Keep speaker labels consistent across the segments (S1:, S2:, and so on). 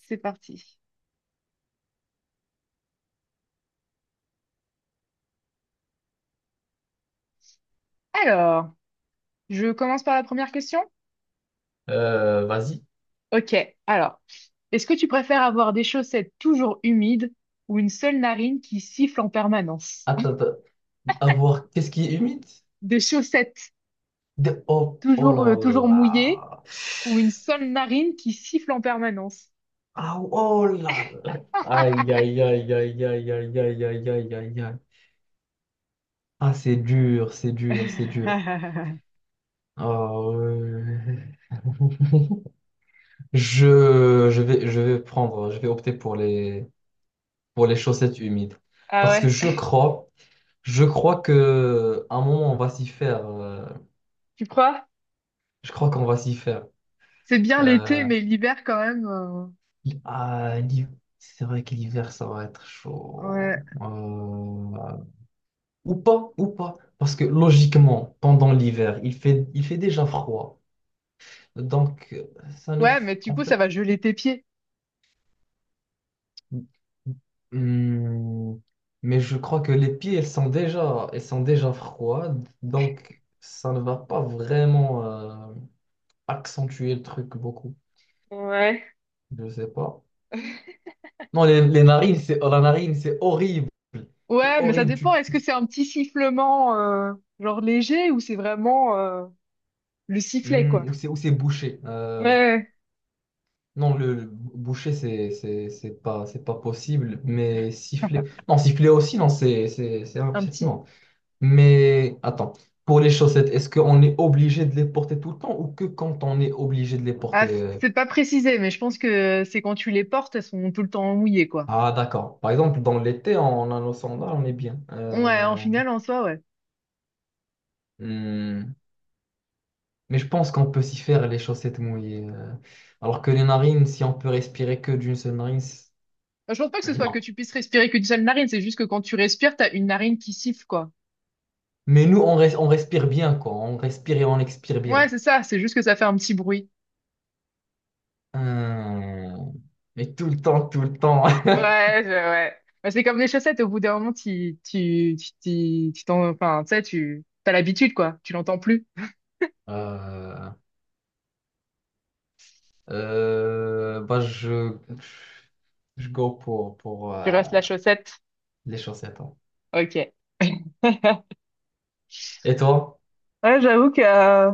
S1: C'est parti. Alors, je commence par la première question?
S2: Vas-y.
S1: Ok, alors, est-ce que tu préfères avoir des chaussettes toujours humides ou une seule narine qui siffle en permanence?
S2: Attends, attends. À voir, qu'est-ce qui est humide?
S1: Des chaussettes
S2: Oh, oh
S1: toujours,
S2: là
S1: euh, toujours mouillées
S2: là.
S1: ou une seule narine qui siffle en permanence?
S2: Ah, oh là là. Aïe, aïe, aïe, aïe, aïe, aïe, aïe, aïe, aïe, aïe, aïe. Ah, c'est dur, c'est dur, c'est dur. Ah, ouais. Je vais opter pour les chaussettes humides.
S1: Ah
S2: Parce que
S1: ouais,
S2: je crois que à un moment, on va s'y faire.
S1: tu crois?
S2: Je crois qu'on va s'y faire.
S1: C'est bien l'été,
S2: Euh,
S1: mais l'hiver quand même.
S2: Ah, c'est vrai que l'hiver, ça va être chaud.
S1: Ouais.
S2: Euh, Ou pas, ou pas. Parce que logiquement, pendant l'hiver, il fait déjà froid. Donc, ça ne
S1: Ouais,
S2: fait.
S1: mais du
S2: En
S1: coup, ça
S2: fait.
S1: va geler tes pieds.
S2: Hmm, Mais je crois que les pieds, elles sont déjà froides. Donc, ça ne va pas vraiment accentuer le truc beaucoup.
S1: Ouais.
S2: Je sais pas. Non, les narines, c'est. Oh, la narine, c'est horrible. C'est
S1: Ouais, mais ça
S2: horrible.
S1: dépend. Est-ce que c'est un petit sifflement genre léger ou c'est vraiment le sifflet, quoi?
S2: Ou c'est ou c'est bouché.
S1: Ouais, ouais, ouais,
S2: Non, le bouché, c'est pas possible. Mais siffler, non, siffler aussi, non,
S1: un petit.
S2: non. Mais attends, pour les chaussettes, est-ce qu'on est obligé de les porter tout le temps ou que quand on est obligé de les
S1: Ah,
S2: porter?
S1: c'est pas précisé, mais je pense que c'est quand tu les portes, elles sont tout le temps mouillées, quoi.
S2: Ah, d'accord. Par exemple, dans l'été, on a nos sandales, on est bien.
S1: Ouais, en finale, en soi, ouais.
S2: Hmm, Mais je pense qu'on peut s'y faire les chaussettes mouillées. Alors que les narines, si on peut respirer que d'une seule narine,
S1: Bah, je pense pas que ce soit que
S2: non.
S1: tu puisses respirer qu'une seule narine, c'est juste que quand tu respires, t'as une narine qui siffle, quoi.
S2: Mais nous, on respire bien, quoi. On respire et on expire
S1: Ouais,
S2: bien.
S1: c'est ça, c'est juste que ça fait un petit bruit.
S2: Hum, Mais tout le temps, tout le temps.
S1: Ouais, ouais. Bah, c'est comme les chaussettes, au bout d'un moment, enfin, tu sais, t'as l'habitude, quoi. Tu l'entends plus.
S2: Euh, Bah, je go pour
S1: Tu restes la chaussette.
S2: les chaussettes, hein.
S1: Ok.
S2: Et toi?
S1: Ouais, j'avoue que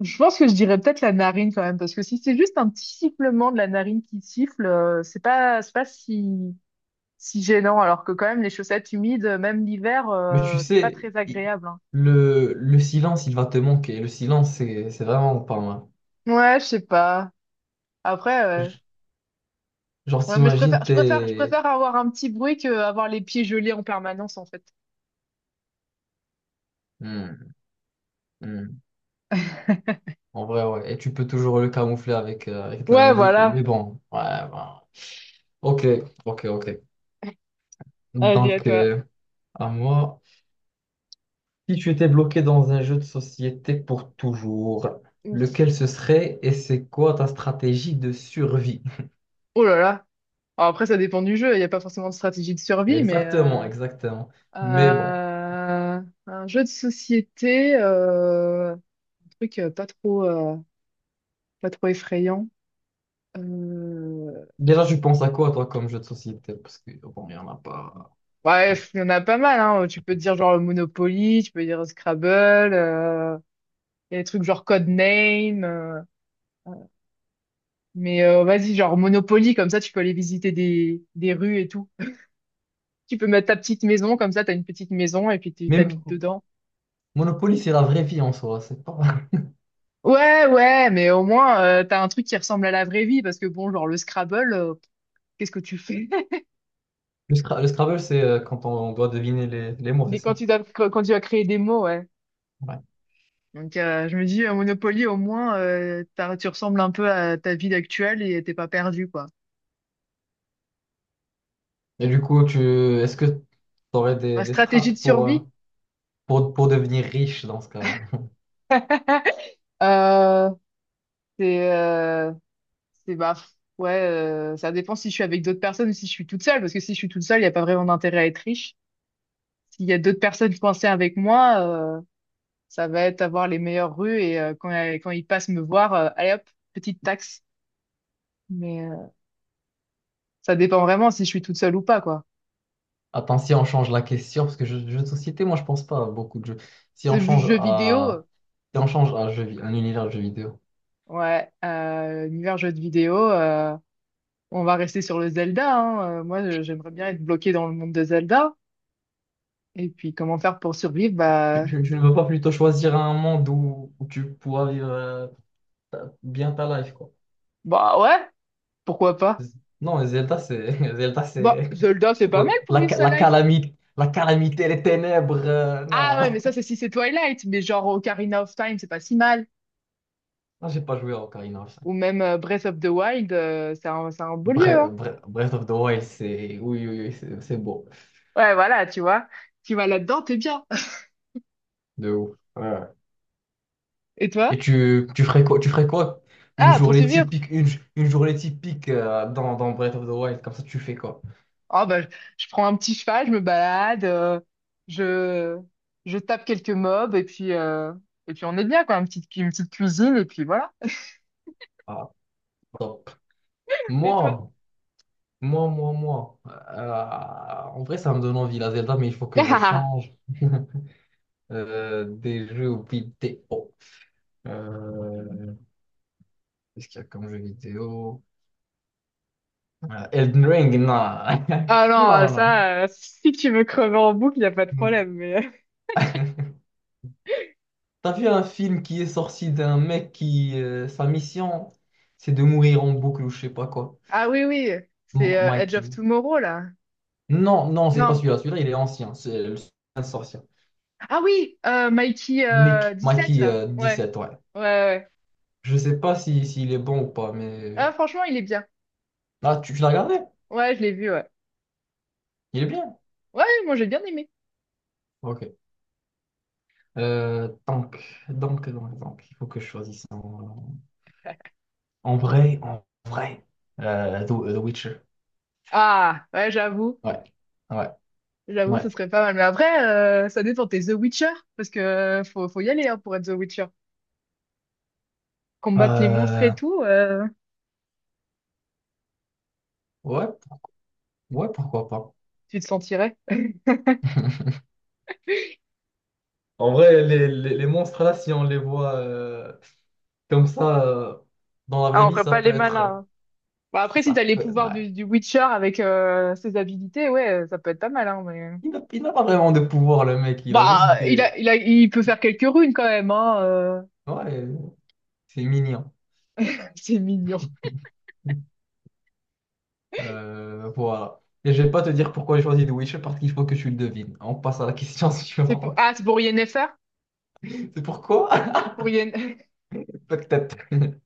S1: je pense que je dirais peut-être la narine quand même, parce que si c'est juste un petit sifflement de la narine qui siffle, c'est pas si gênant, alors que quand même les chaussettes humides, même l'hiver,
S2: Mais tu
S1: c'est pas
S2: sais,
S1: très
S2: il-
S1: agréable, hein.
S2: le, le silence, il va te manquer. Le silence, c'est vraiment pas mal.
S1: Ouais, je sais pas. Après,
S2: Genre,
S1: ouais, mais je préfère,
S2: t'imagines,
S1: je préfère, je
S2: t'es.
S1: préfère avoir un petit bruit que avoir les pieds gelés en permanence, en fait.
S2: Hmm, hmm. En vrai, ouais. Et tu peux toujours le camoufler avec de la
S1: Ouais,
S2: musique.
S1: voilà.
S2: Mais bon, ouais, bah. Ok, ok, ok.
S1: Vas-y, à
S2: Donc,
S1: toi.
S2: à moi, si tu étais bloqué dans un jeu de société pour toujours,
S1: Ouf.
S2: lequel ce serait et c'est quoi ta stratégie de survie?
S1: Oh là là. Alors après, ça dépend du jeu. Il n'y a pas forcément de stratégie de survie, mais
S2: Exactement, exactement. Mais bon,
S1: Un jeu de société, un truc pas trop effrayant. Euh,
S2: déjà, tu penses à quoi, toi, comme jeu de société? Parce que, bon, il n'y en a pas. Je
S1: Bref,
S2: sais.
S1: il y en a pas mal, hein. Tu peux dire genre le Monopoly, tu peux dire Scrabble, euh, il y a des trucs genre Codename. Euh, mais vas-y, genre Monopoly, comme ça tu peux aller visiter des rues et tout. Tu peux mettre ta petite maison, comme ça t'as une petite maison et puis tu
S2: Même
S1: t'habites dedans.
S2: Monopoly, c'est la vraie vie en soi. C'est pas.
S1: Ouais, ouais, mais au moins t'as un truc qui ressemble à la vraie vie, parce que bon, genre le Scrabble, qu'est-ce que tu fais?
S2: Le Scrabble, c'est quand on doit deviner les mots, c'est
S1: Dès quand
S2: ça.
S1: tu candidats quand tu as créé des mots, ouais.
S2: Ouais.
S1: Donc je me dis, Monopoly, au moins, tu ressembles un peu à ta ville actuelle et t'es pas perdu, quoi.
S2: Et du coup, tu, est-ce que tu aurais des,
S1: Ma
S2: des
S1: stratégie
S2: strates
S1: de
S2: pour, euh,
S1: survie,
S2: pour, pour devenir riche dans ce cas-là?
S1: euh, c'est, euh, c'est bah pff, ouais, ça dépend si je suis avec d'autres personnes ou si je suis toute seule, parce que si je suis toute seule, il y a pas vraiment d'intérêt à être riche. S'il y a d'autres personnes coincées avec moi, euh, ça va être avoir les meilleures rues et quand ils passent me voir, allez hop, petite taxe. Mais ça dépend vraiment si je suis toute seule ou pas, quoi.
S2: Attends, si on change la question, parce que jeux de société, moi je pense pas à beaucoup de jeux. Si on
S1: C'est le
S2: change
S1: jeu vidéo.
S2: à, si on change à jeu vi- un univers de jeux vidéo,
S1: Ouais, univers jeux de vidéo, on va rester sur le Zelda, hein. Moi, j'aimerais bien être bloqué dans le monde de Zelda. Et puis, comment faire pour survivre?
S2: tu,
S1: Bah,
S2: tu- tu ne veux pas plutôt choisir un monde où tu pourras vivre bien ta life, quoi?
S1: bah ouais, pourquoi pas?
S2: Z- Non, Zelda, c'est Zelda,
S1: Bah,
S2: c'est
S1: Zelda, c'est pas mal pour
S2: la,
S1: vivre
S2: ca-
S1: sa
S2: la
S1: life.
S2: calamité, la calamité, les ténèbres. Non,
S1: Ah
S2: non,
S1: ouais,
S2: non.
S1: mais ça, c'est si c'est Twilight. Mais genre Ocarina of Time, c'est pas si mal.
S2: Non, j'ai pas joué à Ocarina of Time.
S1: Ou même Breath of the Wild, c'est un beau lieu, hein.
S2: Breath of the Wild, c'est oui, oui, oui, c'est beau,
S1: Ouais, voilà, tu vois. Tu vas là-dedans, t'es bien.
S2: de ouf. Ouais.
S1: Et
S2: Et
S1: toi?
S2: tu ferais quoi, tu ferais quoi? Une
S1: Ah,
S2: journée
S1: poursuivre.
S2: typique, une journée typique dans Breath of the Wild, comme ça tu fais quoi?
S1: Ah bah, je prends un petit cheval, je me balade, je, je tape quelques mobs et puis on est bien, quoi. Une petite cuisine et puis voilà.
S2: Ah, top.
S1: Et toi?
S2: Moi, moi, moi, moi. En vrai, ça me donne envie la Zelda, mais il faut que je change des jeux vidéo. Euh, Qu'est-ce qu'il y a comme jeu vidéo? Elden Ring, non.
S1: Ah non,
S2: Non, non,
S1: ça, si tu veux crever en boucle, il n'y a pas de
S2: non.
S1: problème. Mais.
S2: T'as vu un film qui est sorti d'un mec qui, sa mission, c'est de mourir en boucle ou je sais pas quoi.
S1: Ah oui, oui, c'est Edge of
S2: Mikey.
S1: Tomorrow, là.
S2: Non, non, c'est pas
S1: Non.
S2: celui-là. Celui-là, il est ancien. C'est le un sorcier.
S1: Ah oui, Mikey sept
S2: Mikey
S1: là. Ouais,
S2: sept, ouais.
S1: ouais, ouais.
S2: Je sais pas si, s'il est bon ou pas, mais.
S1: Ah, franchement, il est bien.
S2: Ah, tu l'as regardé?
S1: Ouais, je l'ai vu, ouais.
S2: Il est bien.
S1: Ouais, moi, j'ai bien aimé.
S2: Ok. Euh, donc, il faut que je choisisse en vrai, en vrai. The Witcher.
S1: Ah, ouais, j'avoue.
S2: Ouais. Ouais.
S1: J'avoue,
S2: Ouais.
S1: ce serait pas mal. Mais après, ça dépend. T'es The Witcher, parce que faut y aller hein, pour être The Witcher. Combattre les monstres
S2: Euh,
S1: et tout,
S2: ouais. Ouais, pourquoi pas.
S1: tu te sentirais.
S2: En vrai, les monstres là, si on les voit comme ça, dans la
S1: Ah,
S2: vraie
S1: on
S2: vie,
S1: ferait
S2: ça
S1: pas
S2: peut
S1: les
S2: être.
S1: malins, hein. Bah, après, si t'as les pouvoirs
S2: Ouais.
S1: du Witcher avec ses habilités, ouais, ça peut être pas mal. Hein, mais.
S2: Il n'a pas vraiment de pouvoir, le mec. Il a juste
S1: Bah,
S2: des.
S1: il peut faire quelques runes quand même. Hein.
S2: Ouais, c'est mignon.
S1: C'est mignon.
S2: Voilà. Et je vais pas te dire pourquoi j'ai choisi The Witcher parce qu'il faut que tu le devines. On passe à la question suivante.
S1: Ah, c'est pour Yennefer?
S2: C'est pourquoi?
S1: Pour Yen...
S2: Peut-être.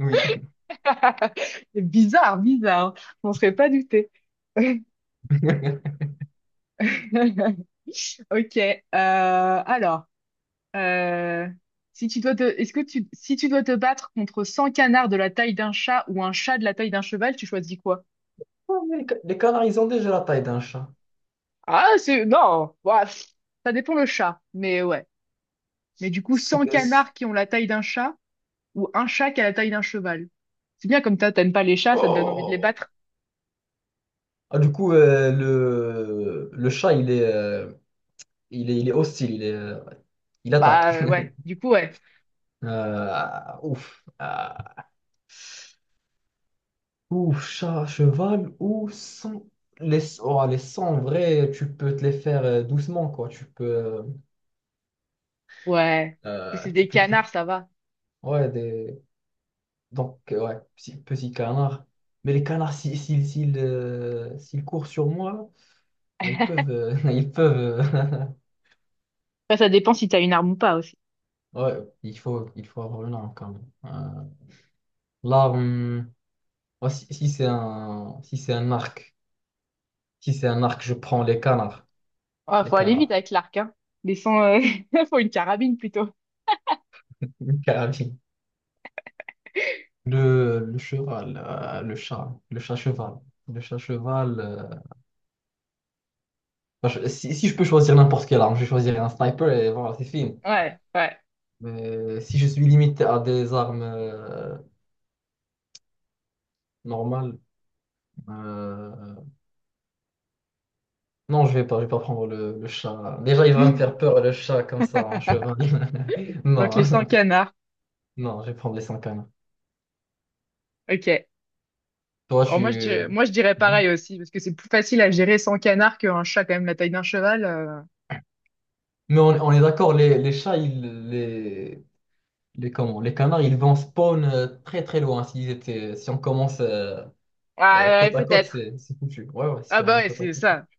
S2: Oui.
S1: C'est bizarre, bizarre, hein. On serait pas douté. Ok. Alors. Euh, si tu dois te, est-ce que tu, Si tu dois te battre contre 100 canards de la taille d'un chat ou un chat de la taille d'un cheval, tu choisis quoi?
S2: Oh, mais les canards, ils ont déjà la taille d'un chat.
S1: Ah, non, bah, ça dépend le chat, mais ouais. Mais du coup,
S2: Sans
S1: 100
S2: caisse.
S1: canards qui ont la taille d'un chat ou un chat qui a la taille d'un cheval. C'est bien comme ça, t'aimes pas les chats, ça te donne envie de les
S2: Oh.
S1: battre.
S2: Ah, du coup, le chat, il est hostile, il attaque.
S1: Bah ouais, du coup, ouais.
S2: Ouf. Ou chat, cheval, ou sans. Oh, les sangs, en vrai, tu peux te les faire doucement, quoi. Tu peux, euh,
S1: Ouais. Si
S2: euh,
S1: c'est
S2: tu
S1: des
S2: peux te les.
S1: canards, ça va.
S2: Ouais, des. Donc, ouais, petit, petit canard. Mais les canards, s'ils courent sur moi, ah, ils peuvent. Ils peuvent
S1: Après, ça dépend si t'as une arme ou pas aussi.
S2: ouais, il faut avoir une arme, quand même. Là, ouais, si c'est un arc, je prends les canards.
S1: Ouais,
S2: Les
S1: faut aller vite
S2: canards.
S1: avec l'arc, hein. Les 100, faut une carabine plutôt.
S2: carabine. Le cheval, le chat cheval. Le chat cheval. Enfin, si je peux choisir n'importe quelle arme, je choisirais un sniper et voilà, c'est fini.
S1: Ouais, ouais.
S2: Mais si je suis limité à des armes normales, euh, non, je vais pas prendre le chat. Déjà, il va me faire peur, le chat, comme ça, en cheval.
S1: Donc
S2: Non,
S1: les 100 canards.
S2: non, je vais prendre les 5 canons.
S1: OK.
S2: Toi,
S1: Bon, moi je
S2: tu.
S1: dirais, moi je dirais
S2: Ouais.
S1: pareil aussi parce que c'est plus facile à gérer 100 canards qu'un chat quand même la taille d'un cheval.
S2: Mais on est d'accord, les chats, les, comment, les canards, ils vont spawn très très loin. S'ils étaient, si on commence
S1: Ah ouais, ouais,
S2: côte à côte,
S1: peut-être.
S2: c'est foutu. Ouais, ouais,
S1: Ah
S2: si on
S1: bah
S2: est
S1: ouais,
S2: côte à
S1: c'est
S2: côte, c'est
S1: ça.
S2: foutu.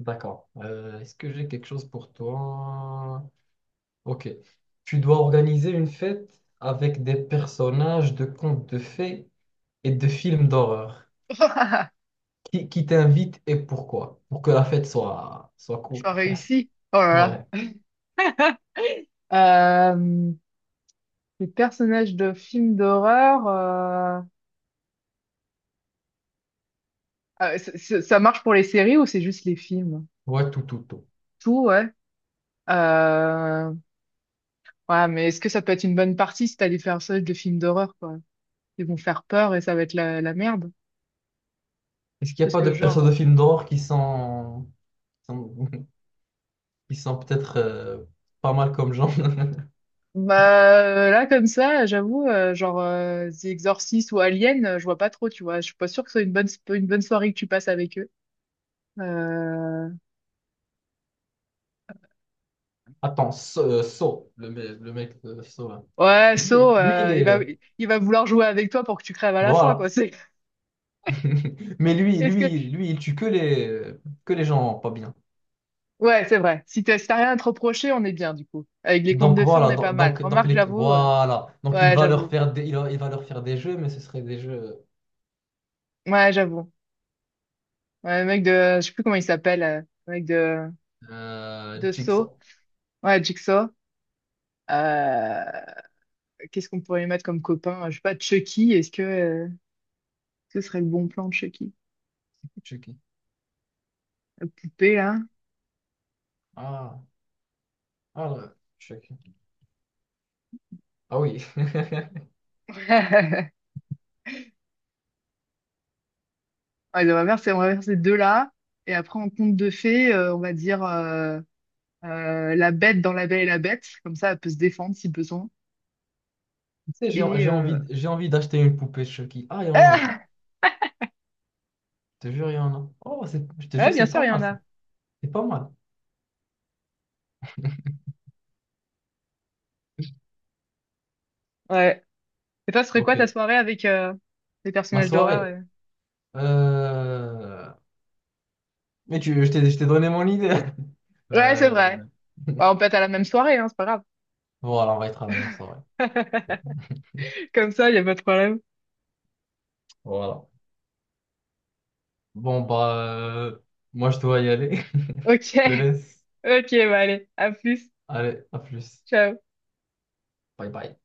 S2: D'accord. Est-ce que j'ai quelque chose pour toi? Ok. Tu dois organiser une fête avec des personnages de contes de fées et de films d'horreur. Qui t'invite et pourquoi? Pour que la fête soit, cool.
S1: J'en réussi Oh là
S2: Ouais,
S1: là. Euh, les personnages de films d'horreur, ça marche pour les séries ou c'est juste les films?
S2: ouais, tout, tout, tout.
S1: Tout, ouais. Euh, ouais, mais est-ce que ça peut être une bonne partie si t'as des personnages de films d'horreur, quoi? Ils vont faire peur et ça va être la merde.
S2: Est-ce qu'il n'y a
S1: Parce
S2: pas de
S1: que
S2: persos de
S1: genre,
S2: films d'horreur qui sont, qui sont peut-être pas mal comme genre?
S1: bah là comme ça, j'avoue, genre The Exorcist ou Alien, je vois pas trop, tu vois. Je suis pas sûre que ce soit une bonne soirée que tu passes avec eux. Euh...
S2: Attends, So, le mec de So, là.
S1: Ouais, So,
S2: Il
S1: il
S2: est.
S1: va il va vouloir jouer avec toi pour que tu crèves à la fin, quoi.
S2: Voilà.
S1: C'est
S2: Mais
S1: est-ce que
S2: il tue que les gens pas bien.
S1: ouais, c'est vrai. Si t'as rien à te reprocher, on est bien du coup. Avec les contes
S2: Donc
S1: de fées, on
S2: voilà,
S1: est pas mal.
S2: donc
S1: Remarque,
S2: les,
S1: j'avoue.
S2: voilà. Donc
S1: Ouais, j'avoue.
S2: il va leur faire des jeux, mais ce seraient des jeux.
S1: Ouais, j'avoue. Ouais, le mec de, je sais plus comment il s'appelle, le mec de de So.
S2: Jigsaw.
S1: Ouais, Jigsaw. Euh... Qu'est-ce qu'on pourrait mettre comme copain? Je sais pas, Chucky, est-ce que ce serait le bon plan de Chucky?
S2: C'est qui?
S1: La poupée, là.
S2: Ah, ah, là, Chucky. Ah oui.
S1: Ouais, on va faire ces deux-là. Et après, en conte de fées, on va dire la bête dans La Belle et la Bête. Comme ça, elle peut se défendre si besoin.
S2: Tu sais, j'ai
S1: Et...
S2: j'ai
S1: euh,
S2: envie, j'ai envie d'acheter une poupée Chucky. Ah, il y en a en plus.
S1: Ah!
S2: Je te jure, il y en a. Oh, je te
S1: Ouais,
S2: jure,
S1: bien
S2: c'est
S1: sûr,
S2: pas
S1: il y en
S2: mal ça.
S1: a.
S2: C'est pas mal.
S1: Ouais. Et toi, ce serait
S2: Ok.
S1: quoi ta soirée avec les
S2: Ma
S1: personnages d'horreur?
S2: soirée. Euh, Mais je t'ai donné mon idée.
S1: Ouais, c'est
S2: Euh,
S1: vrai. Bah, on peut être à la même soirée, hein, c'est pas grave.
S2: voilà, on va y travailler, ça va.
S1: Comme ça, il n'y a pas de problème.
S2: Voilà. Bon, bah, moi, je dois y aller. Je
S1: Ok,
S2: te laisse.
S1: ok, bah allez, à plus.
S2: Allez, à plus.
S1: Ciao.
S2: Bye bye.